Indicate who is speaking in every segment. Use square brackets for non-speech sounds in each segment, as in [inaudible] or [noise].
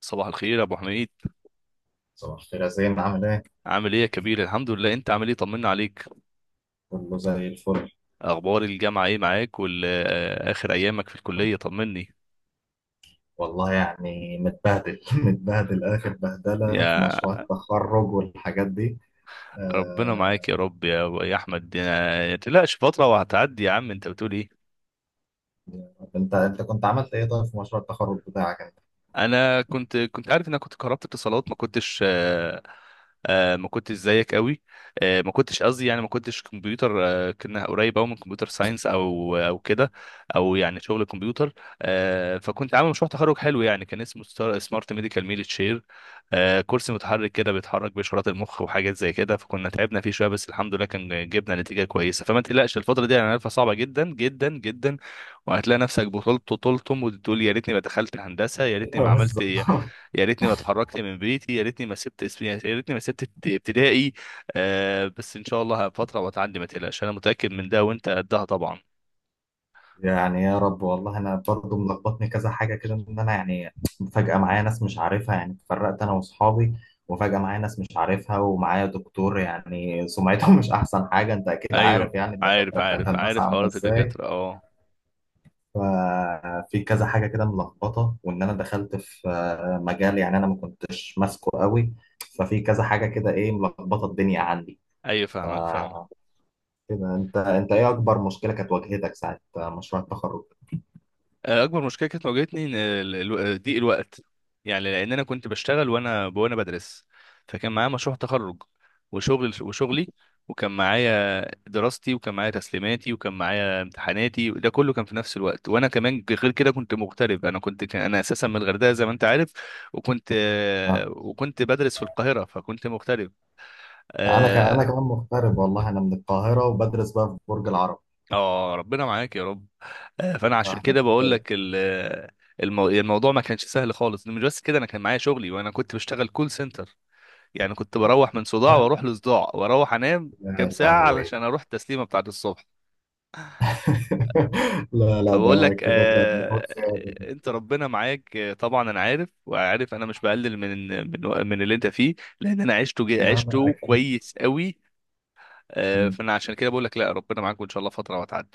Speaker 1: صباح الخير يا ابو حميد.
Speaker 2: صباح الخير يا زين، عامل ايه؟
Speaker 1: عامل ايه يا كبير؟ الحمد لله، انت عامل ايه؟ طمنا عليك.
Speaker 2: كله زي الفل.
Speaker 1: اخبار الجامعه ايه معاك؟ واخر ايامك في الكليه، طمني.
Speaker 2: والله يعني متبهدل [laughs] متبهدل، اخر بهدله في
Speaker 1: يا
Speaker 2: مشروع التخرج والحاجات دي.
Speaker 1: ربنا
Speaker 2: آه...
Speaker 1: معاك يا رب، يا احمد، ما تقلقش، فتره وهتعدي يا عم. انت بتقول ايه؟
Speaker 2: انت كنت عملت ايه طيب في مشروع التخرج بتاعك انت؟
Speaker 1: انا كنت عارف انك كنت كهربت اتصالات. ما كنتش زيك قوي. ما كنتش قصدي، يعني ما كنتش كمبيوتر. كنا قريب قوي من كمبيوتر ساينس، او كده، او يعني شغل كمبيوتر. فكنت عامل مشروع تخرج حلو، يعني كان اسمه سمارت ميديكال ميل تشير. كرسي متحرك كده بيتحرك باشارات المخ وحاجات زي كده، فكنا تعبنا فيه شويه، بس الحمد لله كان جبنا نتيجه كويسه. فما تقلقش، الفتره دي انا عارفها صعبه جدا جدا جدا، وهتلاقي نفسك بطلت طولتم وتقول: يا ريتني ما دخلت هندسه، يا ريتني
Speaker 2: ايوه
Speaker 1: ما عملت،
Speaker 2: بالظبط.
Speaker 1: يا
Speaker 2: [laughs]
Speaker 1: ريتني ما اتحركت من بيتي، يا ريتني ما سبت اسمي، يا ريتني ما سبت ابتدائي. بس ان شاء الله فتره وتعدي، ما تقلقش. انا متاكد من ده، وانت قدها طبعا.
Speaker 2: يعني يا رب، والله انا برضه ملخبطني كذا حاجه كده، ان انا يعني فجاه معايا ناس مش عارفها، يعني اتفرقت انا واصحابي، وفجاه معايا ناس مش عارفها ومعايا دكتور، يعني سمعته مش احسن حاجه، انت اكيد
Speaker 1: ايوه،
Speaker 2: عارف يعني
Speaker 1: عارف
Speaker 2: الدكاتره بتاعت
Speaker 1: عارف
Speaker 2: الهندسه
Speaker 1: عارف،
Speaker 2: عامله
Speaker 1: حوارات
Speaker 2: ازاي.
Speaker 1: الدكاتره اه.
Speaker 2: ففي كذا حاجة كده ملخبطة، وإن أنا دخلت في مجال يعني أنا ما كنتش ماسكه قوي. ففي كذا حاجة كده إيه ملخبطة الدنيا عندي.
Speaker 1: ايوه،
Speaker 2: ف
Speaker 1: فاهمك فاهمك.
Speaker 2: كده أنت إيه أكبر مشكلة كانت واجهتك ساعة مشروع التخرج؟
Speaker 1: اكبر مشكله كانت واجهتني ان ضيق الوقت. يعني لان انا كنت بشتغل وانا بدرس، فكان معايا مشروع تخرج، وشغلي، وكان معايا دراستي، وكان معايا تسليماتي، وكان معايا امتحاناتي، وده كله كان في نفس الوقت. وانا كمان غير كده كنت مغترب، انا كنت كان انا اساسا من الغردقه زي ما انت عارف. وكنت
Speaker 2: آه.
Speaker 1: وكنت بدرس في القاهره، فكنت مغترب.
Speaker 2: أنا
Speaker 1: آه،
Speaker 2: كمان مغترب، والله أنا من القاهرة وبدرس بقى في برج العرب.
Speaker 1: اه ربنا معاك يا رب. فانا عشان
Speaker 2: إحنا
Speaker 1: كده بقول لك الموضوع ما كانش سهل خالص. مش بس كده، انا كان معايا شغلي وانا كنت بشتغل كول سنتر، يعني كنت بروح من صداع
Speaker 2: آه،
Speaker 1: واروح لصداع واروح انام كام
Speaker 2: لا لا
Speaker 1: ساعة
Speaker 2: هو إيه.
Speaker 1: علشان اروح التسليمة بتاعت الصبح.
Speaker 2: [laughs] لا لا،
Speaker 1: فبقول
Speaker 2: ده
Speaker 1: لك
Speaker 2: كده ده مجهود زيادة.
Speaker 1: انت ربنا معاك. طبعا انا عارف وعارف، انا مش بقلل من اللي انت فيه، لان انا عشته
Speaker 2: لا لا
Speaker 1: عشته
Speaker 2: أكيد.
Speaker 1: كويس قوي. فانا عشان كده بقول لك لا، ربنا معاك، وان شاء الله فترة وهتعدي.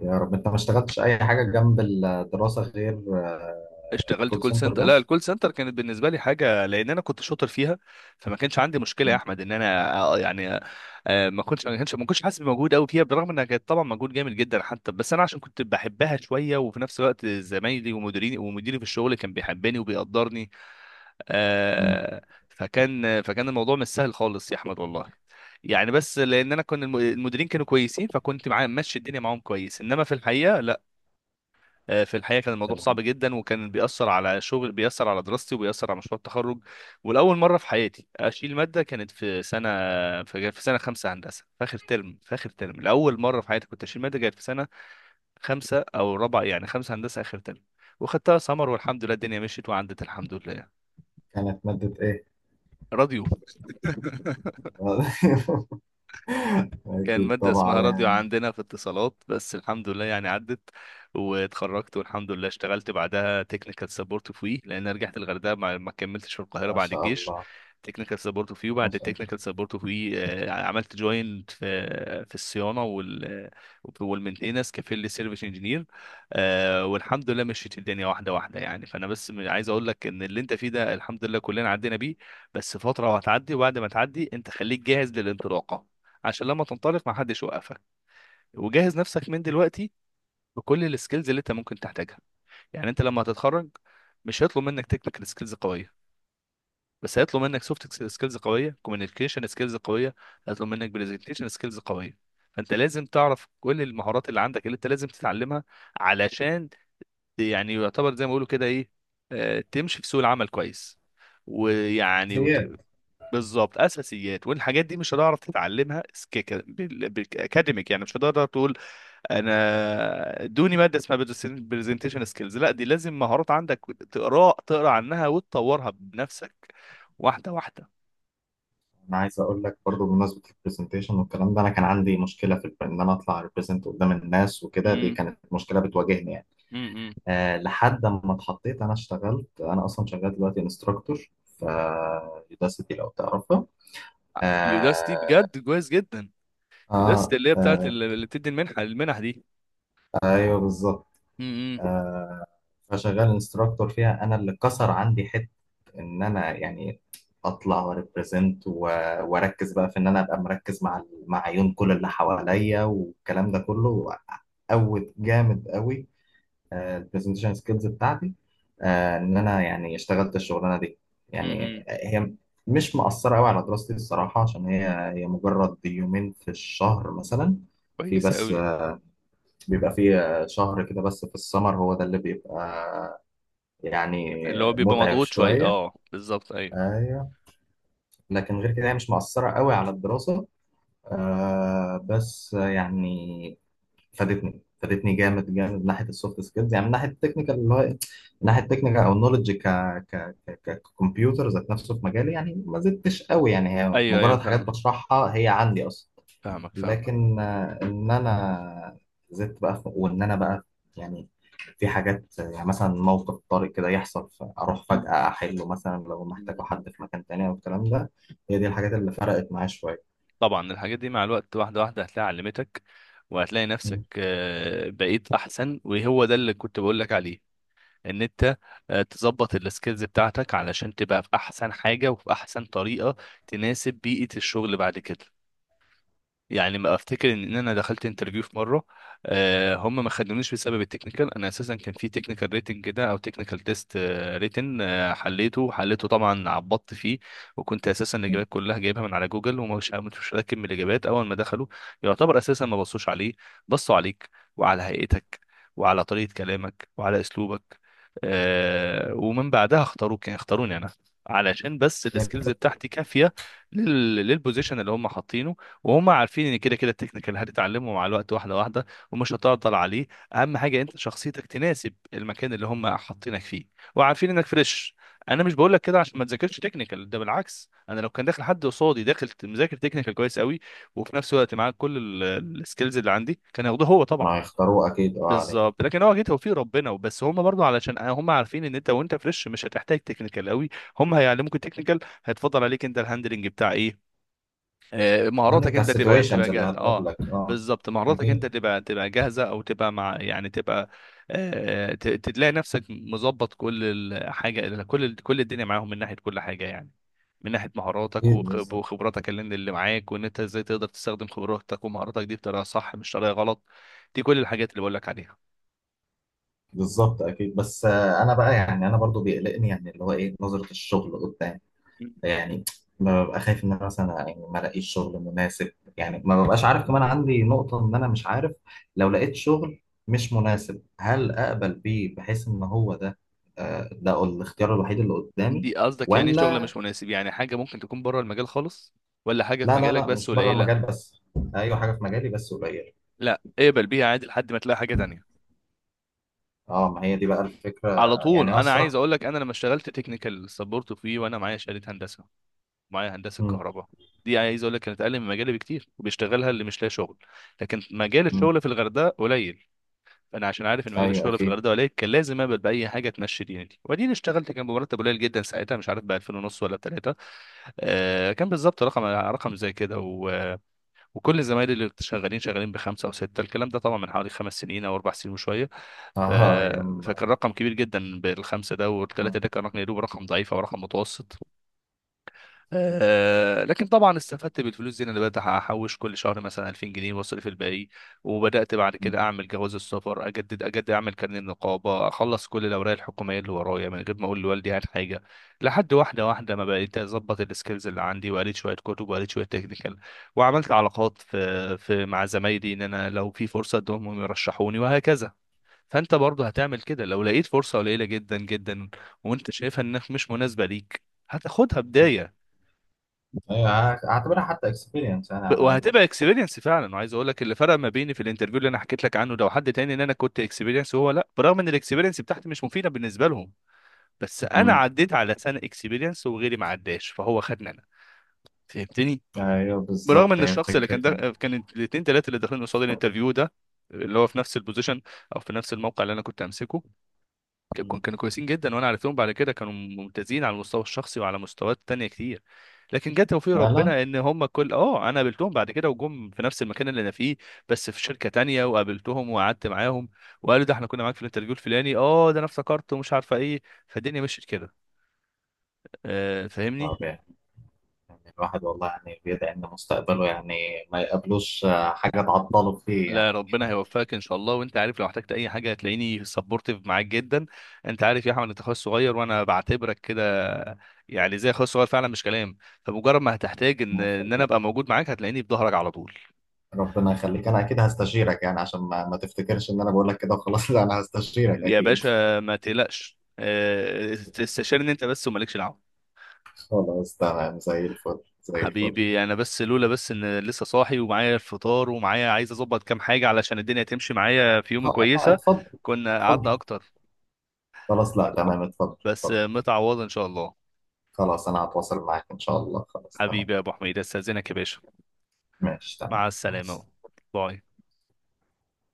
Speaker 2: يا رب، انت ما اشتغلتش اي حاجه جنب الدراسه غير
Speaker 1: اشتغلت
Speaker 2: كول
Speaker 1: كول
Speaker 2: سنتر
Speaker 1: سنتر، لا
Speaker 2: بس؟
Speaker 1: الكول سنتر كانت بالنسبه لي حاجه، لان انا كنت شاطر فيها. فما كانش عندي مشكله يا
Speaker 2: مم.
Speaker 1: احمد ان انا، يعني ما كنتش حاسس بمجهود قوي فيها، بالرغم انها كانت طبعا مجهود جامد جدا حتى. بس انا عشان كنت بحبها شويه، وفي نفس الوقت زمايلي ومديريني ومديري في الشغل كان بيحبني وبيقدرني.
Speaker 2: مم.
Speaker 1: آه، فكان الموضوع مش سهل خالص يا احمد والله. يعني بس لان انا كنت المديرين كانوا كويسين، فكنت معاهم ماشي الدنيا معاهم كويس، انما في الحقيقه لا. في الحقيقه كان الموضوع صعب
Speaker 2: تمام.
Speaker 1: جدا، وكان بيأثر على شغل، بيأثر على دراستي، وبيأثر على مشروع التخرج. ولاول مره في حياتي اشيل ماده كانت في سنه، في سنه خمسه هندسه في اخر ترم، في اخر ترم لاول مره في حياتي كنت اشيل ماده كانت في سنه خمسه او رابعه، يعني خمسه هندسه اخر ترم، وخدتها سمر والحمد لله الدنيا مشيت وعدت الحمد لله.
Speaker 2: كانت ماده ايه؟
Speaker 1: راديو. [laughs]
Speaker 2: [laughs]
Speaker 1: كان
Speaker 2: اكيد
Speaker 1: مادة اسمها
Speaker 2: طبعا
Speaker 1: راديو
Speaker 2: يعني.
Speaker 1: عندنا في اتصالات، بس الحمد لله يعني عدت واتخرجت والحمد لله. اشتغلت بعدها تكنيكال سبورت في وي، لان أنا رجعت الغردقة، ما كملتش في القاهرة
Speaker 2: ما
Speaker 1: بعد
Speaker 2: شاء
Speaker 1: الجيش.
Speaker 2: الله.
Speaker 1: تكنيكال سبورت في وي،
Speaker 2: ما
Speaker 1: وبعد
Speaker 2: شاء الله.
Speaker 1: التكنيكال سبورت في وي عملت جوين في الصيانة والمنتنس كفيل سيرفيس انجينير. والحمد لله مشيت الدنيا واحدة واحدة. يعني فانا بس عايز اقول لك ان اللي انت فيه ده الحمد لله كلنا عدينا بيه. بس فترة وهتعدي، وبعد ما تعدي انت خليك جاهز للانطلاقة، عشان لما تنطلق ما حدش يوقفك. وجهز نفسك من دلوقتي بكل السكيلز اللي انت ممكن تحتاجها. يعني انت لما هتتخرج مش هيطلب منك تكنيكال سكيلز قويه، بس هيطلب منك سوفت سكيلز قويه، كوميونيكيشن سكيلز قويه، هيطلب منك برزنتيشن سكيلز قويه. فانت لازم تعرف كل المهارات اللي عندك اللي انت لازم تتعلمها علشان يعني يعتبر زي ما بيقولوا كده ايه، تمشي في سوق العمل كويس ويعني
Speaker 2: اساسيات.
Speaker 1: بالظبط، اساسيات. والحاجات دي مش هتعرف تتعلمها سكيك بالاكاديميك، يعني مش هتقدر تقول انا دوني ماده اسمها برزنتيشن سكيلز. لا، دي لازم مهارات عندك تقرا تقرا عنها وتطورها بنفسك واحده واحده.
Speaker 2: انا عايز اقول لك برضو بمناسبه البرزنتيشن والكلام ده، انا كان عندي مشكله في ان انا اطلع ريبريزنت قدام الناس وكده، دي
Speaker 1: امم.
Speaker 2: كانت مشكله بتواجهني يعني.
Speaker 1: امم.
Speaker 2: أه، لحد ما اتحطيت، انا اشتغلت، انا اصلا شغال دلوقتي انستراكتور في يوداسيتي لو تعرفها.
Speaker 1: يوداستي
Speaker 2: آه
Speaker 1: بجد كويس جدا. يوداستي
Speaker 2: آه
Speaker 1: اللي هي بتاعت
Speaker 2: آه،
Speaker 1: اللي بتدي المنح دي.
Speaker 2: ايوه بالظبط.
Speaker 1: امم.
Speaker 2: آه فشغال انستراكتور فيها، انا اللي كسر عندي حته ان انا يعني اطلع وريبريزنت واركز بقى في ان انا ابقى مركز مع مع عيون كل اللي حواليا والكلام ده كله، قوت جامد قوي البرزنتيشن سكيلز بتاعتي. ان انا يعني اشتغلت الشغلانه دي،
Speaker 1: امم.
Speaker 2: يعني هي مش مأثره قوي على دراستي الصراحه، عشان هي مجرد يومين في الشهر مثلا، في
Speaker 1: كويس
Speaker 2: بس
Speaker 1: قوي.
Speaker 2: بيبقى فيه شهر كده بس في السمر هو ده اللي بيبقى يعني
Speaker 1: اللي هو بيبقى
Speaker 2: متعب
Speaker 1: مضغوط شويه
Speaker 2: شوية.
Speaker 1: اه، بالظبط ايوه.
Speaker 2: ايوه، لكن غير كده هي مش مؤثرة قوي على الدراسة. آه بس يعني فادتني فادتني جامد جامد من ناحية السوفت سكيلز، يعني من ناحية التكنيكال اللي هو إيه؟ من ناحية التكنيكال او النولج ك ك ك ككمبيوتر ذات نفسه في مجالي، يعني ما زدتش قوي، يعني هي
Speaker 1: ايوه ايوه،
Speaker 2: مجرد حاجات
Speaker 1: فاهم.
Speaker 2: بشرحها هي عندي اصلا.
Speaker 1: فاهمك فاهمك.
Speaker 2: لكن ان انا زدت بقى وان انا بقى يعني في حاجات، يعني مثلا موقف طارئ كده يحصل اروح فجأة احله، مثلا لو محتاجه
Speaker 1: مم.
Speaker 2: حد في مكان تاني او الكلام ده. هي دي الحاجات اللي فرقت معايا شوية.
Speaker 1: طبعا الحاجات دي مع الوقت واحده واحده هتلاقي علمتك، وهتلاقي نفسك
Speaker 2: مم.
Speaker 1: بقيت احسن، وهو ده اللي كنت بقول لك عليه. ان انت تظبط السكيلز بتاعتك علشان تبقى في احسن حاجه وفي احسن طريقه تناسب بيئه الشغل بعد كده. يعني ما افتكر ان إن انا دخلت انترفيو في مره هم ما خدونيش بسبب التكنيكال. انا اساسا كان في تكنيكال ريتنج كده او تكنيكال تيست ريتن، حليته حليته طبعا، عبطت فيه. وكنت اساسا
Speaker 2: مم.
Speaker 1: الاجابات كلها جايبها من على جوجل، ومش مش راكب من الاجابات. اول ما دخلوا، يعتبر اساسا ما بصوش عليه، بصوا عليك وعلى هيئتك وعلى طريقه كلامك وعلى اسلوبك. ومن بعدها اختاروك، يعني اختاروني انا، علشان بس
Speaker 2: هي
Speaker 1: السكيلز
Speaker 2: القط-
Speaker 1: بتاعتي كافيه للبوزيشن اللي هم حاطينه. وهم عارفين ان كده كده التكنيكال هتتعلمه مع الوقت واحده واحده، ومش هتعطل عليه. اهم حاجه انت شخصيتك تناسب المكان اللي هم حاطينك فيه، وعارفين انك فريش. انا مش بقول لك كده عشان ما تذاكرش تكنيكال، ده بالعكس، انا لو كان داخل حد قصادي داخل مذاكر تكنيكال كويس قوي، وفي نفس الوقت معاه كل السكيلز اللي عندي، كان هياخده هو طبعا.
Speaker 2: أنا هيختاروه اكيد اه عليك.
Speaker 1: بالظبط، لكن هو اكيد توفيق ربنا وبس. هم برضو علشان هم عارفين ان انت وانت فريش مش هتحتاج تكنيكال قوي، هم هيعلموك التكنيكال. هيتفضل عليك انت الهاندلنج بتاع ايه،
Speaker 2: عندك
Speaker 1: مهاراتك
Speaker 2: بتاع
Speaker 1: انت
Speaker 2: السيتويشنز
Speaker 1: تبقى
Speaker 2: اللي
Speaker 1: جاهزه اه.
Speaker 2: هتقابلك اه.
Speaker 1: بالظبط، مهاراتك انت
Speaker 2: أكيد.
Speaker 1: تبقى جاهزه، او تبقى مع يعني تبقى تلاقي نفسك مظبط كل الحاجه، كل الدنيا معاهم من ناحيه كل حاجه. يعني من ناحيه مهاراتك
Speaker 2: اكيد بالظبط.
Speaker 1: وخبراتك اللي معاك، وان انت ازاي تقدر تستخدم خبراتك ومهاراتك دي بطريقه صح مش طريقه غلط. دي كل الحاجات اللي بقول لك عليها.
Speaker 2: بالظبط اكيد، بس انا بقى يعني، انا برضو بيقلقني، يعني اللي هو ايه نظرة الشغل قدام يعني. ما ببقى خايف ان انا مثلا يعني ما الاقيش شغل مناسب. يعني ما ببقاش عارف، كمان عندي نقطة ان انا مش عارف لو لقيت شغل مش مناسب، هل اقبل بيه، بحيث ان هو ده ده الاختيار الوحيد اللي قدامي.
Speaker 1: دي قصدك يعني ايه، شغل
Speaker 2: ولا
Speaker 1: مش مناسب؟ يعني حاجه ممكن تكون بره المجال خالص، ولا حاجه في
Speaker 2: لا لا
Speaker 1: مجالك
Speaker 2: لا،
Speaker 1: بس
Speaker 2: مش بره
Speaker 1: قليله؟
Speaker 2: المجال بس. ايوه، حاجة في مجالي بس قليل.
Speaker 1: لا، اقبل بيها عادي لحد ما تلاقي حاجه تانية.
Speaker 2: اه، ما هي دي بقى الفكرة.
Speaker 1: على طول
Speaker 2: يعني هو
Speaker 1: انا عايز
Speaker 2: الصراحة.
Speaker 1: اقول لك: انا لما اشتغلت تكنيكال سبورت فيه وانا معايا شهاده هندسه، معايا هندسه
Speaker 2: مم.
Speaker 1: كهرباء، دي عايز اقول لك كانت اقل من مجالي بكتير، وبيشتغلها اللي مش لاقي شغل. لكن مجال
Speaker 2: مم.
Speaker 1: الشغل في الغردقه قليل. انا عشان عارف ان مجال
Speaker 2: ايوه
Speaker 1: الشغل في
Speaker 2: اكيد.
Speaker 1: الغردقه قليل كان لازم اقبل باي حاجه تمشي دينتي. وبعدين اشتغلت، كان بمرتب قليل جدا ساعتها، مش عارف ب 2000 ونص ولا ب 3. آه كان بالظبط رقم رقم زي كده. وكل زمايلي اللي شغالين بخمسه او سته، الكلام ده طبعا من حوالي 5 سنين او 4 سنين وشويه. ف...
Speaker 2: اه يما.
Speaker 1: فكان رقم كبير جدا، بالخمسه ده والثلاثه
Speaker 2: آه،
Speaker 1: ده كان رقم، يا دوب رقم ضعيف او رقم متوسط. آه لكن طبعا استفدت بالفلوس دي، إن انا بدات احوش كل شهر مثلا 2000 جنيه واصرف الباقي. وبدات بعد
Speaker 2: مم،
Speaker 1: كده اعمل جواز السفر، اجدد اجدد، اعمل كارنيه النقابه، اخلص كل الاوراق الحكوميه اللي ورايا من غير ما اقول لوالدي عن حاجه. لحد واحده واحده ما بقيت اظبط السكيلز اللي عندي، وقريت شويه كتب، وقريت شويه تكنيكال، وعملت علاقات في مع زمايلي ان انا لو في فرصه ادهم يرشحوني، وهكذا. فانت برضه هتعمل كده، لو لقيت فرصه قليله جدا جدا وانت شايفها انك مش مناسبه ليك هتاخدها
Speaker 2: مم.
Speaker 1: بدايه.
Speaker 2: ايوه، هعتبرها حتى اكسبيرينس يعني على
Speaker 1: وهتبقى اكسبيرينس فعلا. وعايز اقول لك اللي فرق ما بيني في الانترفيو اللي انا حكيت لك عنه ده وحد تاني، ان انا كنت اكسبيرينس وهو لا، برغم ان الاكسبيرينس بتاعتي مش مفيده بالنسبه لهم. بس انا
Speaker 2: الاقل.
Speaker 1: عديت على سنه اكسبيرينس وغيري ما عداش، فهو خدني انا. فهمتني؟
Speaker 2: ايوه
Speaker 1: برغم
Speaker 2: بالظبط،
Speaker 1: ان
Speaker 2: هي
Speaker 1: الشخص اللي
Speaker 2: فكره
Speaker 1: كان
Speaker 2: إن.
Speaker 1: ده كان الاثنين ثلاثه اللي داخلين قصاد الانترفيو ده، اللي هو في نفس البوزيشن او في نفس الموقع اللي انا كنت امسكه،
Speaker 2: مم.
Speaker 1: كانوا كويسين جدا، وانا عرفتهم بعد كده كانوا ممتازين على المستوى الشخصي وعلى مستويات تانية كتير. لكن جه توفيق
Speaker 2: فعلا.
Speaker 1: ربنا ان هم كل اه انا قابلتهم بعد كده وجم في نفس المكان اللي انا فيه، بس في شركة تانية. وقابلتهم وقعدت معاهم، وقالوا ده احنا كنا معاك في الانترفيو الفلاني، اه ده انا افتكرت ومش عارفه ايه. فالدنيا مشيت كده. آه، فاهمني؟
Speaker 2: طب يعني، يعني الواحد والله يعني بيدعي ان مستقبله، يعني ما يقابلوش حاجه تعطله فيه
Speaker 1: لا،
Speaker 2: يعني.
Speaker 1: ربنا هيوفقك ان شاء الله. وانت عارف لو احتجت اي حاجه هتلاقيني سبورتيف معاك جدا. انت عارف يا احمد، انت اخويا الصغير وانا بعتبرك كده، يعني زي اخويا الصغير فعلا مش كلام. فمجرد ما هتحتاج ان
Speaker 2: ربنا
Speaker 1: انا
Speaker 2: يخليك،
Speaker 1: ابقى موجود معاك هتلاقيني في ظهرك على طول.
Speaker 2: ربنا يخليك، انا اكيد هستشيرك، يعني عشان ما تفتكرش ان انا بقول لك كده وخلاص. [laughs] لا، انا هستشيرك
Speaker 1: يا
Speaker 2: اكيد.
Speaker 1: باشا ما تقلقش. استشيرني انت بس، ومالكش دعوه.
Speaker 2: [laughs] خلاص تمام، زي الفل زي الفل.
Speaker 1: حبيبي، انا بس لولا بس ان لسه صاحي ومعايا الفطار ومعايا عايز اظبط كام حاجه علشان الدنيا تمشي معايا في يوم
Speaker 2: آه، لا
Speaker 1: كويسه،
Speaker 2: اتفضل.
Speaker 1: كنا
Speaker 2: اتفضل.
Speaker 1: قعدنا اكتر.
Speaker 2: خلاص لا، تمام، اتفضل
Speaker 1: بس
Speaker 2: اتفضل.
Speaker 1: متعوضه ان شاء الله.
Speaker 2: خلاص، انا هتواصل معاك ان شاء الله، خلاص تمام.
Speaker 1: حبيبي يا ابو حميد، استاذنك يا باشا.
Speaker 2: ماشي تمام،
Speaker 1: مع
Speaker 2: مع
Speaker 1: السلامة.
Speaker 2: السلامة.
Speaker 1: باي.